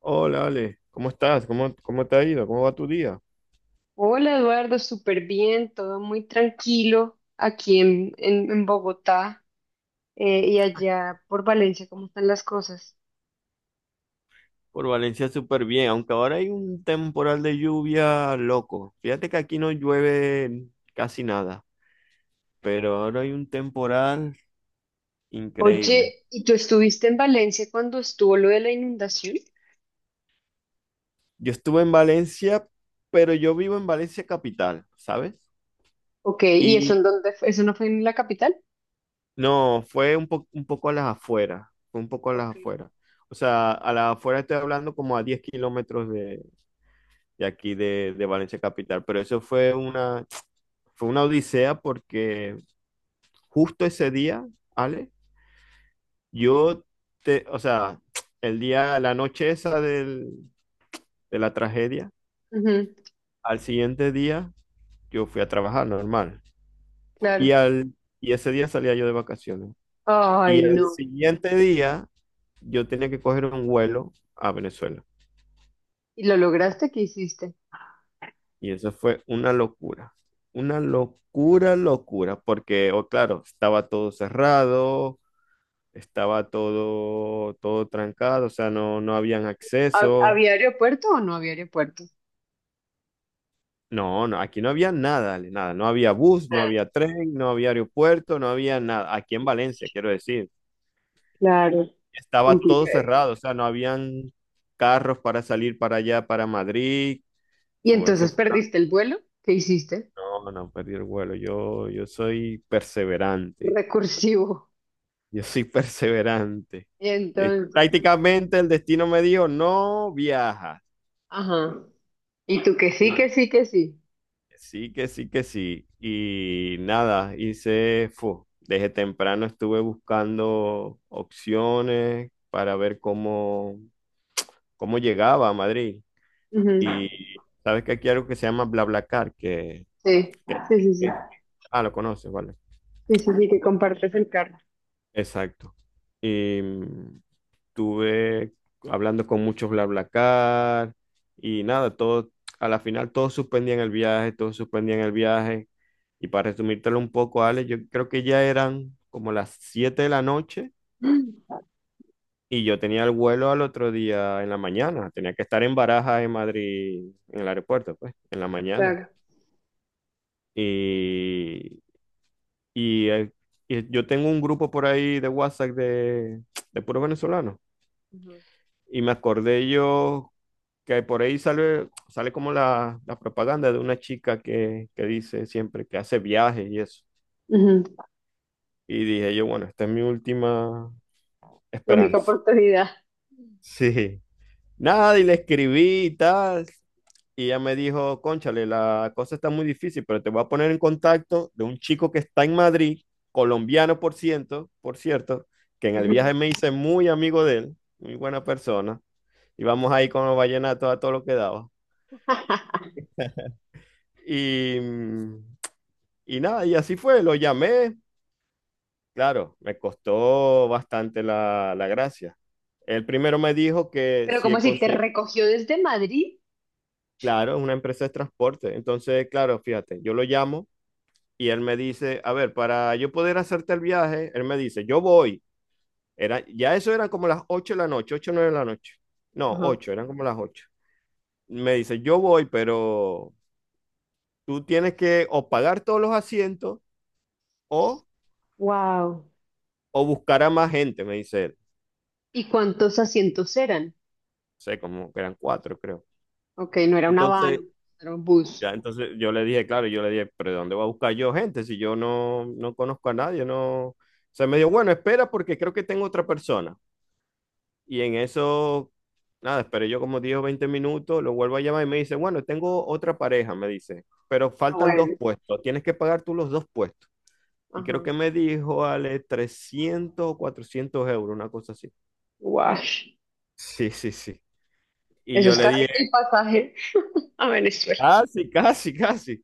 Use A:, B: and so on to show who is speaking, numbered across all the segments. A: Hola, Ale, ¿cómo estás? ¿Cómo te ha ido? ¿Cómo va tu día?
B: Hola Eduardo, súper bien, todo muy tranquilo aquí en Bogotá. Y allá por Valencia, ¿cómo están las cosas?
A: Por Valencia súper bien, aunque ahora hay un temporal de lluvia loco. Fíjate que aquí no llueve casi nada, pero ahora hay un temporal increíble.
B: Oye, ¿y tú estuviste en Valencia cuando estuvo lo de la inundación?
A: Yo estuve en Valencia, pero yo vivo en Valencia capital, ¿sabes?
B: Ok, ¿y eso
A: Y
B: en dónde fue? ¿Eso no fue en la capital?
A: no, fue un poco a las afueras, fue un poco a
B: Ok.
A: las afueras. O sea, a las afueras estoy hablando como a 10 kilómetros de aquí de Valencia Capital. Pero eso fue fue una odisea porque justo ese día, Ale, yo te, o sea, el día, la noche esa de la tragedia,
B: Ujú.
A: al siguiente día yo fui a trabajar normal. Y,
B: Claro.
A: al, y ese día salía yo de vacaciones. Y
B: Ay,
A: el
B: no.
A: siguiente día yo tenía que coger un vuelo a Venezuela.
B: ¿Y lo lograste? ¿Qué hiciste?
A: Y eso fue una locura. Una locura, locura, porque, oh, claro, estaba todo cerrado, estaba todo trancado, o sea, no habían acceso.
B: ¿Había aeropuerto o no había aeropuerto?
A: No, no, aquí no había nada, Ale, nada. No había bus, no había tren, no había aeropuerto, no había nada. Aquí en Valencia, quiero decir.
B: Claro,
A: Estaba todo
B: complicado.
A: cerrado, o sea, no habían carros para salir para allá, para Madrid.
B: ¿Y
A: Fue, eso
B: entonces
A: fue-
B: perdiste el vuelo? ¿Qué hiciste?
A: no, no, perdí el vuelo. Yo soy perseverante.
B: Recursivo.
A: Yo soy perseverante.
B: Y entonces,
A: Prácticamente el destino me dijo, no viajas.
B: ajá. Y tú que sí, que sí, que sí.
A: Sí, que sí, que sí. Y nada, desde temprano estuve buscando opciones para ver cómo llegaba a Madrid.
B: Ujú.
A: Y sabes que aquí hay algo que se llama BlaBlaCar,
B: Sí,
A: que,
B: sí, sí, sí.
A: que- ah, lo conoces, vale.
B: Sí, sí, sí, que compartes el carro.
A: Exacto. Y, mm, Estuve hablando con muchos BlaBlaCar y nada, todo, a la final todos suspendían el viaje, todos suspendían el viaje. Y para resumírtelo un poco, Ale, yo creo que ya eran como las 7 de la noche
B: Mm.
A: y yo tenía el vuelo al otro día en la mañana. Tenía que estar en Barajas, en Madrid, en el aeropuerto, pues, en la mañana.
B: Claro.
A: Y, y, eh, y yo tengo un grupo por ahí de WhatsApp de puros venezolanos.
B: Ujú.
A: Y me acordé yo que por ahí sale como la propaganda de una chica que dice siempre que hace viajes y eso.
B: Ujú.
A: Y dije yo, bueno, esta es mi última
B: La única
A: esperanza.
B: oportunidad.
A: Sí. Nada, y le escribí y tal. Y ella me dijo, cónchale, la cosa está muy difícil, pero te voy a poner en contacto de un chico que está en Madrid, colombiano por ciento, por cierto, que en el
B: Ujú.
A: viaje me hice muy amigo de él, muy buena persona. Y vamos ahí con los vallenatos a todo lo que daba. Y, mm, y nada, y así fue, lo llamé. Claro, me costó bastante la gracia. El primero me dijo que
B: Pero como
A: si
B: si te
A: conseguía,
B: recogió desde Madrid.
A: claro, es una empresa de transporte. Entonces, claro, fíjate, yo lo llamo y él me dice, a ver, para yo poder hacerte el viaje, él me dice, yo voy. Era, ya eso era como las 8 de la noche, 8 o 9 de la noche. No,
B: Ajá.
A: 8 eran como las ocho. Me dice, yo voy, pero tú tienes que o pagar todos los asientos o,
B: Wow.
A: o buscar a más gente, me dice él.
B: ¿Y cuántos asientos eran?
A: Sé, como que eran cuatro, creo.
B: Ok, no era una van,
A: Entonces,
B: era un bus.
A: ya, entonces yo le dije, claro, yo le dije, pero ¿de ¿dónde voy a buscar yo gente si yo no conozco a nadie? No. O sea, me dijo, bueno, espera porque creo que tengo otra persona. Y en eso, nada, esperé yo como 10 o 20 minutos, lo vuelvo a llamar y me dice, bueno, tengo otra pareja, me dice, pero
B: Ah,
A: faltan
B: bueno,
A: dos puestos, tienes que pagar tú los dos puestos. Y creo
B: ajá.
A: que me dijo, Ale, 300 o 400 euros, una cosa así.
B: Guash.
A: Sí, sí, sí. Y
B: Eso
A: yo
B: es
A: le
B: casi que el
A: dije,
B: pasaje a Venezuela.
A: casi, casi, casi.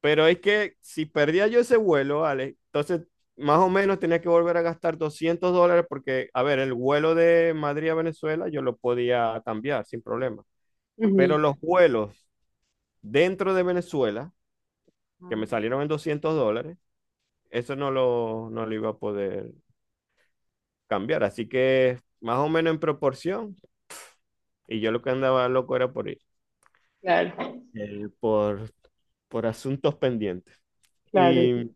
A: Pero es que si perdía yo ese vuelo, Alex, entonces más o menos tenía que volver a gastar 200 $ porque, a ver, el vuelo de Madrid a Venezuela yo lo podía cambiar sin problema. Pero
B: Ujú.
A: los vuelos dentro de Venezuela, que me
B: Ah,
A: salieron en 200 dólares, eso no lo iba a poder cambiar. Así que más o menos en proporción. Y yo lo que andaba loco era por ir,
B: claro,
A: eh, por, por asuntos pendientes.
B: claro, sí.
A: Y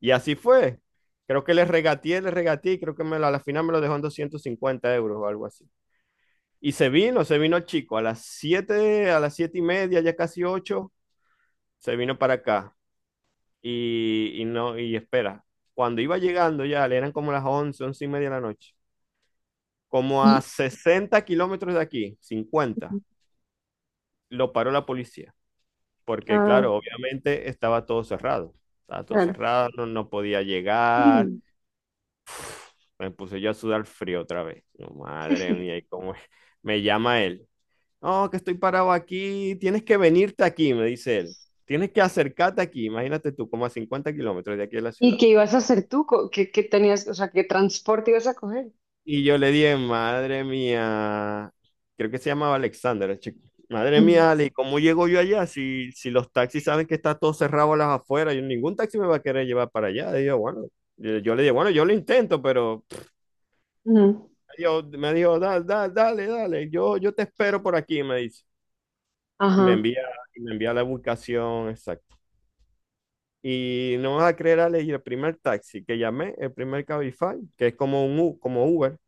A: Y así fue. Creo que le regateé y creo que a la final me lo dejó en 250 € o algo así. Y se vino el chico a las 7 y media, ya casi 8 se vino para acá. Y no, y espera, cuando iba llegando ya, le eran como las 11 y media de la noche, como a
B: y-
A: 60 km de aquí, 50, lo paró la policía. Porque
B: ah,
A: claro, obviamente estaba todo cerrado. Estaba todo
B: claro.
A: cerrado, no podía llegar.
B: Mm.
A: Me puse yo a sudar frío otra vez. Yo, madre mía, ¿y cómo es? Me llama él. No, que estoy parado aquí. Tienes que venirte aquí, me dice él. Tienes que acercarte aquí. Imagínate tú, como a 50 km de aquí de la
B: ¿Y
A: ciudad.
B: qué ibas a hacer tú? ¿Qué, qué tenías, o sea, qué transporte ibas a coger?
A: Y yo le dije, madre mía, creo que se llamaba Alexander, el chico. Madre
B: Ujú,
A: mía, Ale, ¿cómo llego yo allá? Si los taxis saben que está todo cerrado a las afueras, yo, ningún taxi me va a querer llevar para allá. Y yo, bueno, yo le dije, bueno, yo lo intento, pero
B: ujú.
A: me dijo, dale, yo te espero por aquí, me dice. Y me
B: Ajá,
A: envía, y me envía la ubicación exacta. Y no vas a creer, Ale, y el primer taxi que llamé, el primer Cabify, que es como como Uber,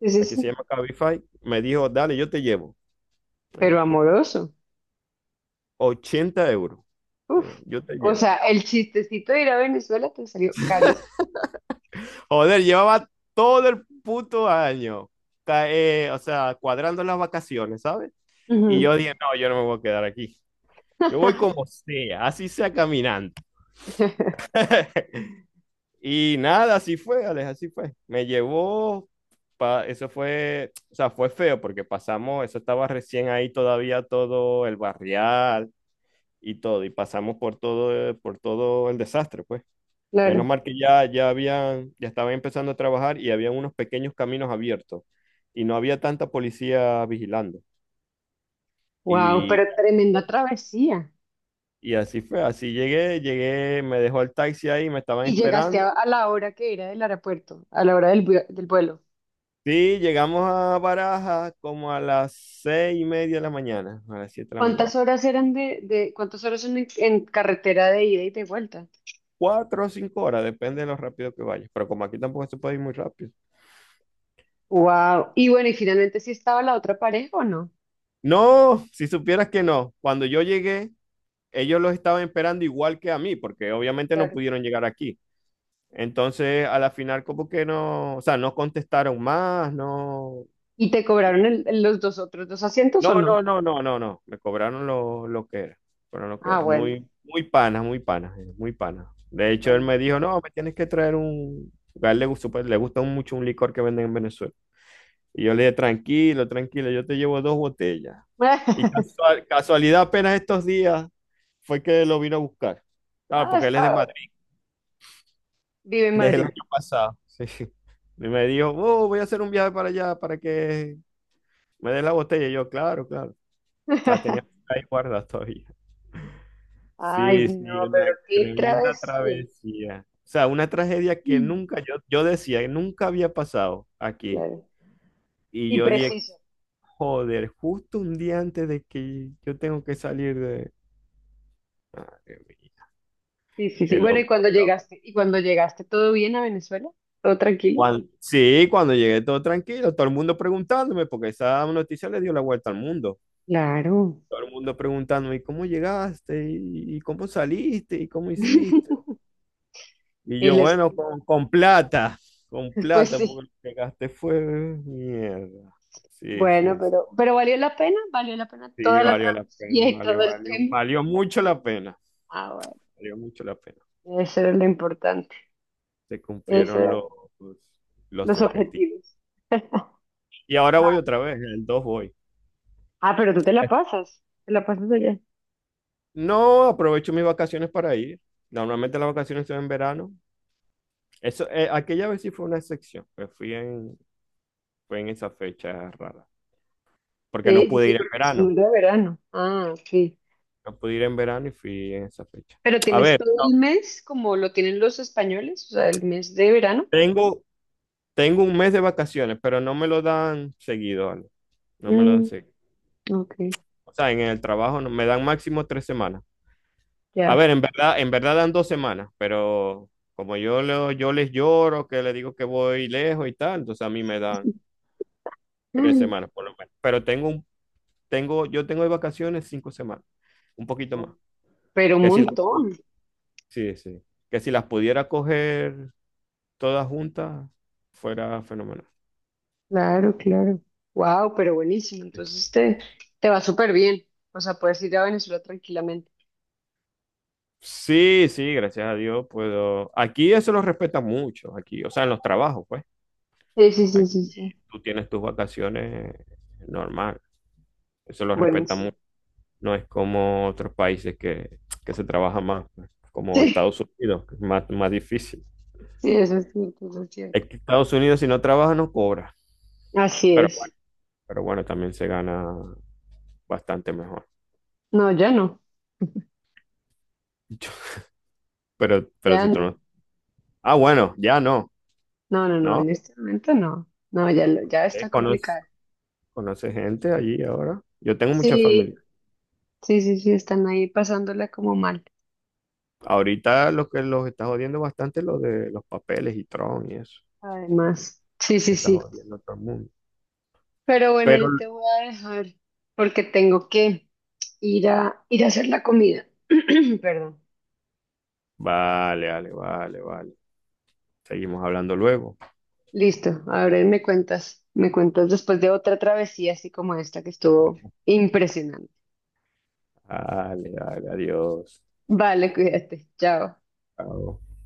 B: sí, sí,
A: aquí se
B: sí.
A: llama Cabify, me dijo, dale, yo te llevo. Me
B: Pero
A: dijo,
B: amoroso.
A: 80 euros. Me
B: Uf.
A: dijo, yo te
B: O
A: llevo.
B: sea, el chistecito de ir a Venezuela te salió carísimo.
A: Joder, llevaba todo el puto año, o sea, cuadrando las vacaciones, ¿sabes? Y yo
B: Ujú.
A: dije, no, yo no me voy a quedar aquí. Yo voy como sea, así sea caminando. Y nada, así fue, Alex, así fue. Me llevó, eso fue, o sea, fue feo porque pasamos, eso estaba recién ahí todavía todo el barrial y todo, y pasamos por todo el desastre, pues. Menos
B: Claro.
A: mal que ya, ya habían, ya estaban empezando a trabajar y había unos pequeños caminos abiertos y no había tanta policía vigilando.
B: Wow,
A: Y
B: pero
A: así fue,
B: tremenda travesía.
A: y así fue, así llegué, llegué, me dejó el taxi ahí, me estaban
B: Y llegaste
A: esperando.
B: a la hora que era del aeropuerto, a la hora del, del vuelo.
A: Sí, llegamos a Barajas como a las seis y media de la mañana, a las siete de la mañana.
B: ¿Cuántas horas eran de cuántas horas son en carretera de ida y de vuelta?
A: Cuatro o cinco horas, depende de lo rápido que vayas. Pero como aquí tampoco se puede ir muy rápido.
B: Wow. Y bueno, y finalmente sí estaba la otra pareja o no?
A: No, si supieras que no. Cuando yo llegué, ellos los estaban esperando igual que a mí, porque obviamente no
B: Claro.
A: pudieron llegar aquí. Entonces, a la final, como que no, o sea, no contestaron más, no.
B: ¿Y te cobraron los dos otros dos asientos o
A: No,
B: no?
A: no, no, no, no, no. Me cobraron lo que era. Fueron lo que
B: Ah,
A: era.
B: bueno,
A: Muy, muy panas, muy panas, muy panas. De hecho, él
B: bueno.
A: me dijo, no, me tienes que traer un. A él le gustó, pues, le gusta mucho un licor que venden en Venezuela. Y yo le dije, tranquilo, tranquilo, yo te llevo dos botellas. Y casualidad, apenas estos días fue que lo vino a buscar. Claro,
B: Ah,
A: porque él
B: está
A: es de
B: ahora.
A: Madrid,
B: Vive en
A: desde el
B: Madrid.
A: año pasado. Sí. Y me dijo, oh, voy a hacer un viaje para allá para que me des la botella. Y yo, claro, claro. La tenía ahí guardada todavía.
B: Ay,
A: Sí,
B: no,
A: sí, una
B: pero qué
A: tremenda
B: travesía.
A: travesía. O sea, una tragedia que
B: Mm.
A: nunca, yo decía, que nunca había pasado aquí.
B: Claro.
A: Y
B: Y
A: yo dije,
B: preciso.
A: joder, justo un día antes de que yo tengo que salir de... Madre mía,
B: Sí, sí,
A: qué
B: sí. Bueno, ¿y
A: loco,
B: cuando
A: qué loco.
B: llegaste? ¿Y cuando llegaste todo bien a Venezuela? ¿Todo tranquilo?
A: Sí, cuando llegué todo tranquilo, todo el mundo preguntándome, porque esa noticia le dio la vuelta al mundo.
B: Claro.
A: Todo el mundo preguntándome, ¿y cómo llegaste? Y cómo saliste? ¿Y cómo hiciste? Y
B: Y
A: yo,
B: les,
A: bueno, con
B: pues
A: plata,
B: sí,
A: porque lo que gasté fue mierda. Sí,
B: bueno,
A: sí, sí.
B: pero valió la pena
A: Sí,
B: toda la
A: valió la pena,
B: travesía y todo
A: valió,
B: el
A: valió,
B: tema.
A: valió mucho la pena,
B: Ah,
A: valió mucho la pena.
B: bueno, eso era lo importante,
A: Se
B: esos
A: cumplieron
B: eran
A: los
B: los
A: objetivos.
B: objetivos.
A: Y ahora voy otra vez, en el 2 voy.
B: Ah, pero tú te la pasas allá.
A: No aprovecho mis vacaciones para ir. Normalmente las vacaciones son en verano. Eso, aquella vez sí fue una excepción, pues fue en esa fecha rara, porque no
B: Sí, sí,
A: pude
B: sí,
A: ir en
B: porque es un
A: verano.
B: de verano. Ah, sí.
A: No pude ir en verano y fui en esa fecha.
B: Pero
A: A
B: tienes
A: ver,
B: todo el
A: no,
B: mes como lo tienen los españoles, o sea, el mes de verano.
A: tengo, tengo un mes de vacaciones, pero no me lo dan seguido, Ale. No me lo dan
B: Mm,
A: seguido.
B: ok,
A: O sea, en el trabajo me dan máximo tres semanas. A ver,
B: ya.
A: en verdad dan dos semanas, pero como yo, yo les lloro, que les digo que voy lejos y tal, entonces a mí me dan tres
B: Mm.
A: semanas por lo menos. Pero yo tengo de vacaciones cinco semanas, un poquito más.
B: Pero un
A: Que si las,
B: montón.
A: pu- Sí, sí. Que si las pudiera coger todas juntas, fuera fenomenal.
B: Claro, claro. Wow, pero buenísimo. Entonces te va súper bien. O sea, puedes ir a Venezuela tranquilamente.
A: Sí, sí, gracias a Dios puedo. Aquí eso lo respeta mucho, aquí, o sea, en los trabajos, pues.
B: Sí, sí, sí,
A: Aquí
B: sí, sí.
A: tú tienes tus vacaciones normal, eso lo
B: Bueno,
A: respeta
B: sí.
A: mucho. No es como otros países que se trabaja más, pues, como
B: Sí,
A: Estados Unidos, que es más difícil.
B: sí, eso es cierto, eso es cierto.
A: Es que Estados Unidos si no trabaja no cobra,
B: Así
A: pero
B: es.
A: bueno, pero bueno, también se gana bastante mejor.
B: No, ya no,
A: Pero
B: ya
A: si tú
B: no.
A: no... Ah, bueno, ya no,
B: No, no, no, en
A: ¿no?
B: este momento no. No, ya, ya
A: Eh,
B: está
A: conoce-
B: complicado.
A: ¿Conoce gente allí ahora? Yo tengo mucha
B: Sí,
A: familia.
B: sí, sí, sí, están ahí pasándola como mal.
A: Ahorita lo que los está jodiendo bastante es lo de los papeles y Tron y eso,
B: Además, sí,
A: que
B: sí,
A: está
B: sí.
A: jodiendo a todo el mundo.
B: Pero bueno, yo
A: Pero,
B: te voy a dejar porque tengo que ir a, ir a hacer la comida. Perdón.
A: vale, seguimos hablando luego.
B: Listo, ahora me cuentas después de otra travesía así como esta que estuvo impresionante.
A: Vale, vale, adiós.
B: Vale, cuídate, chao.
A: Chao.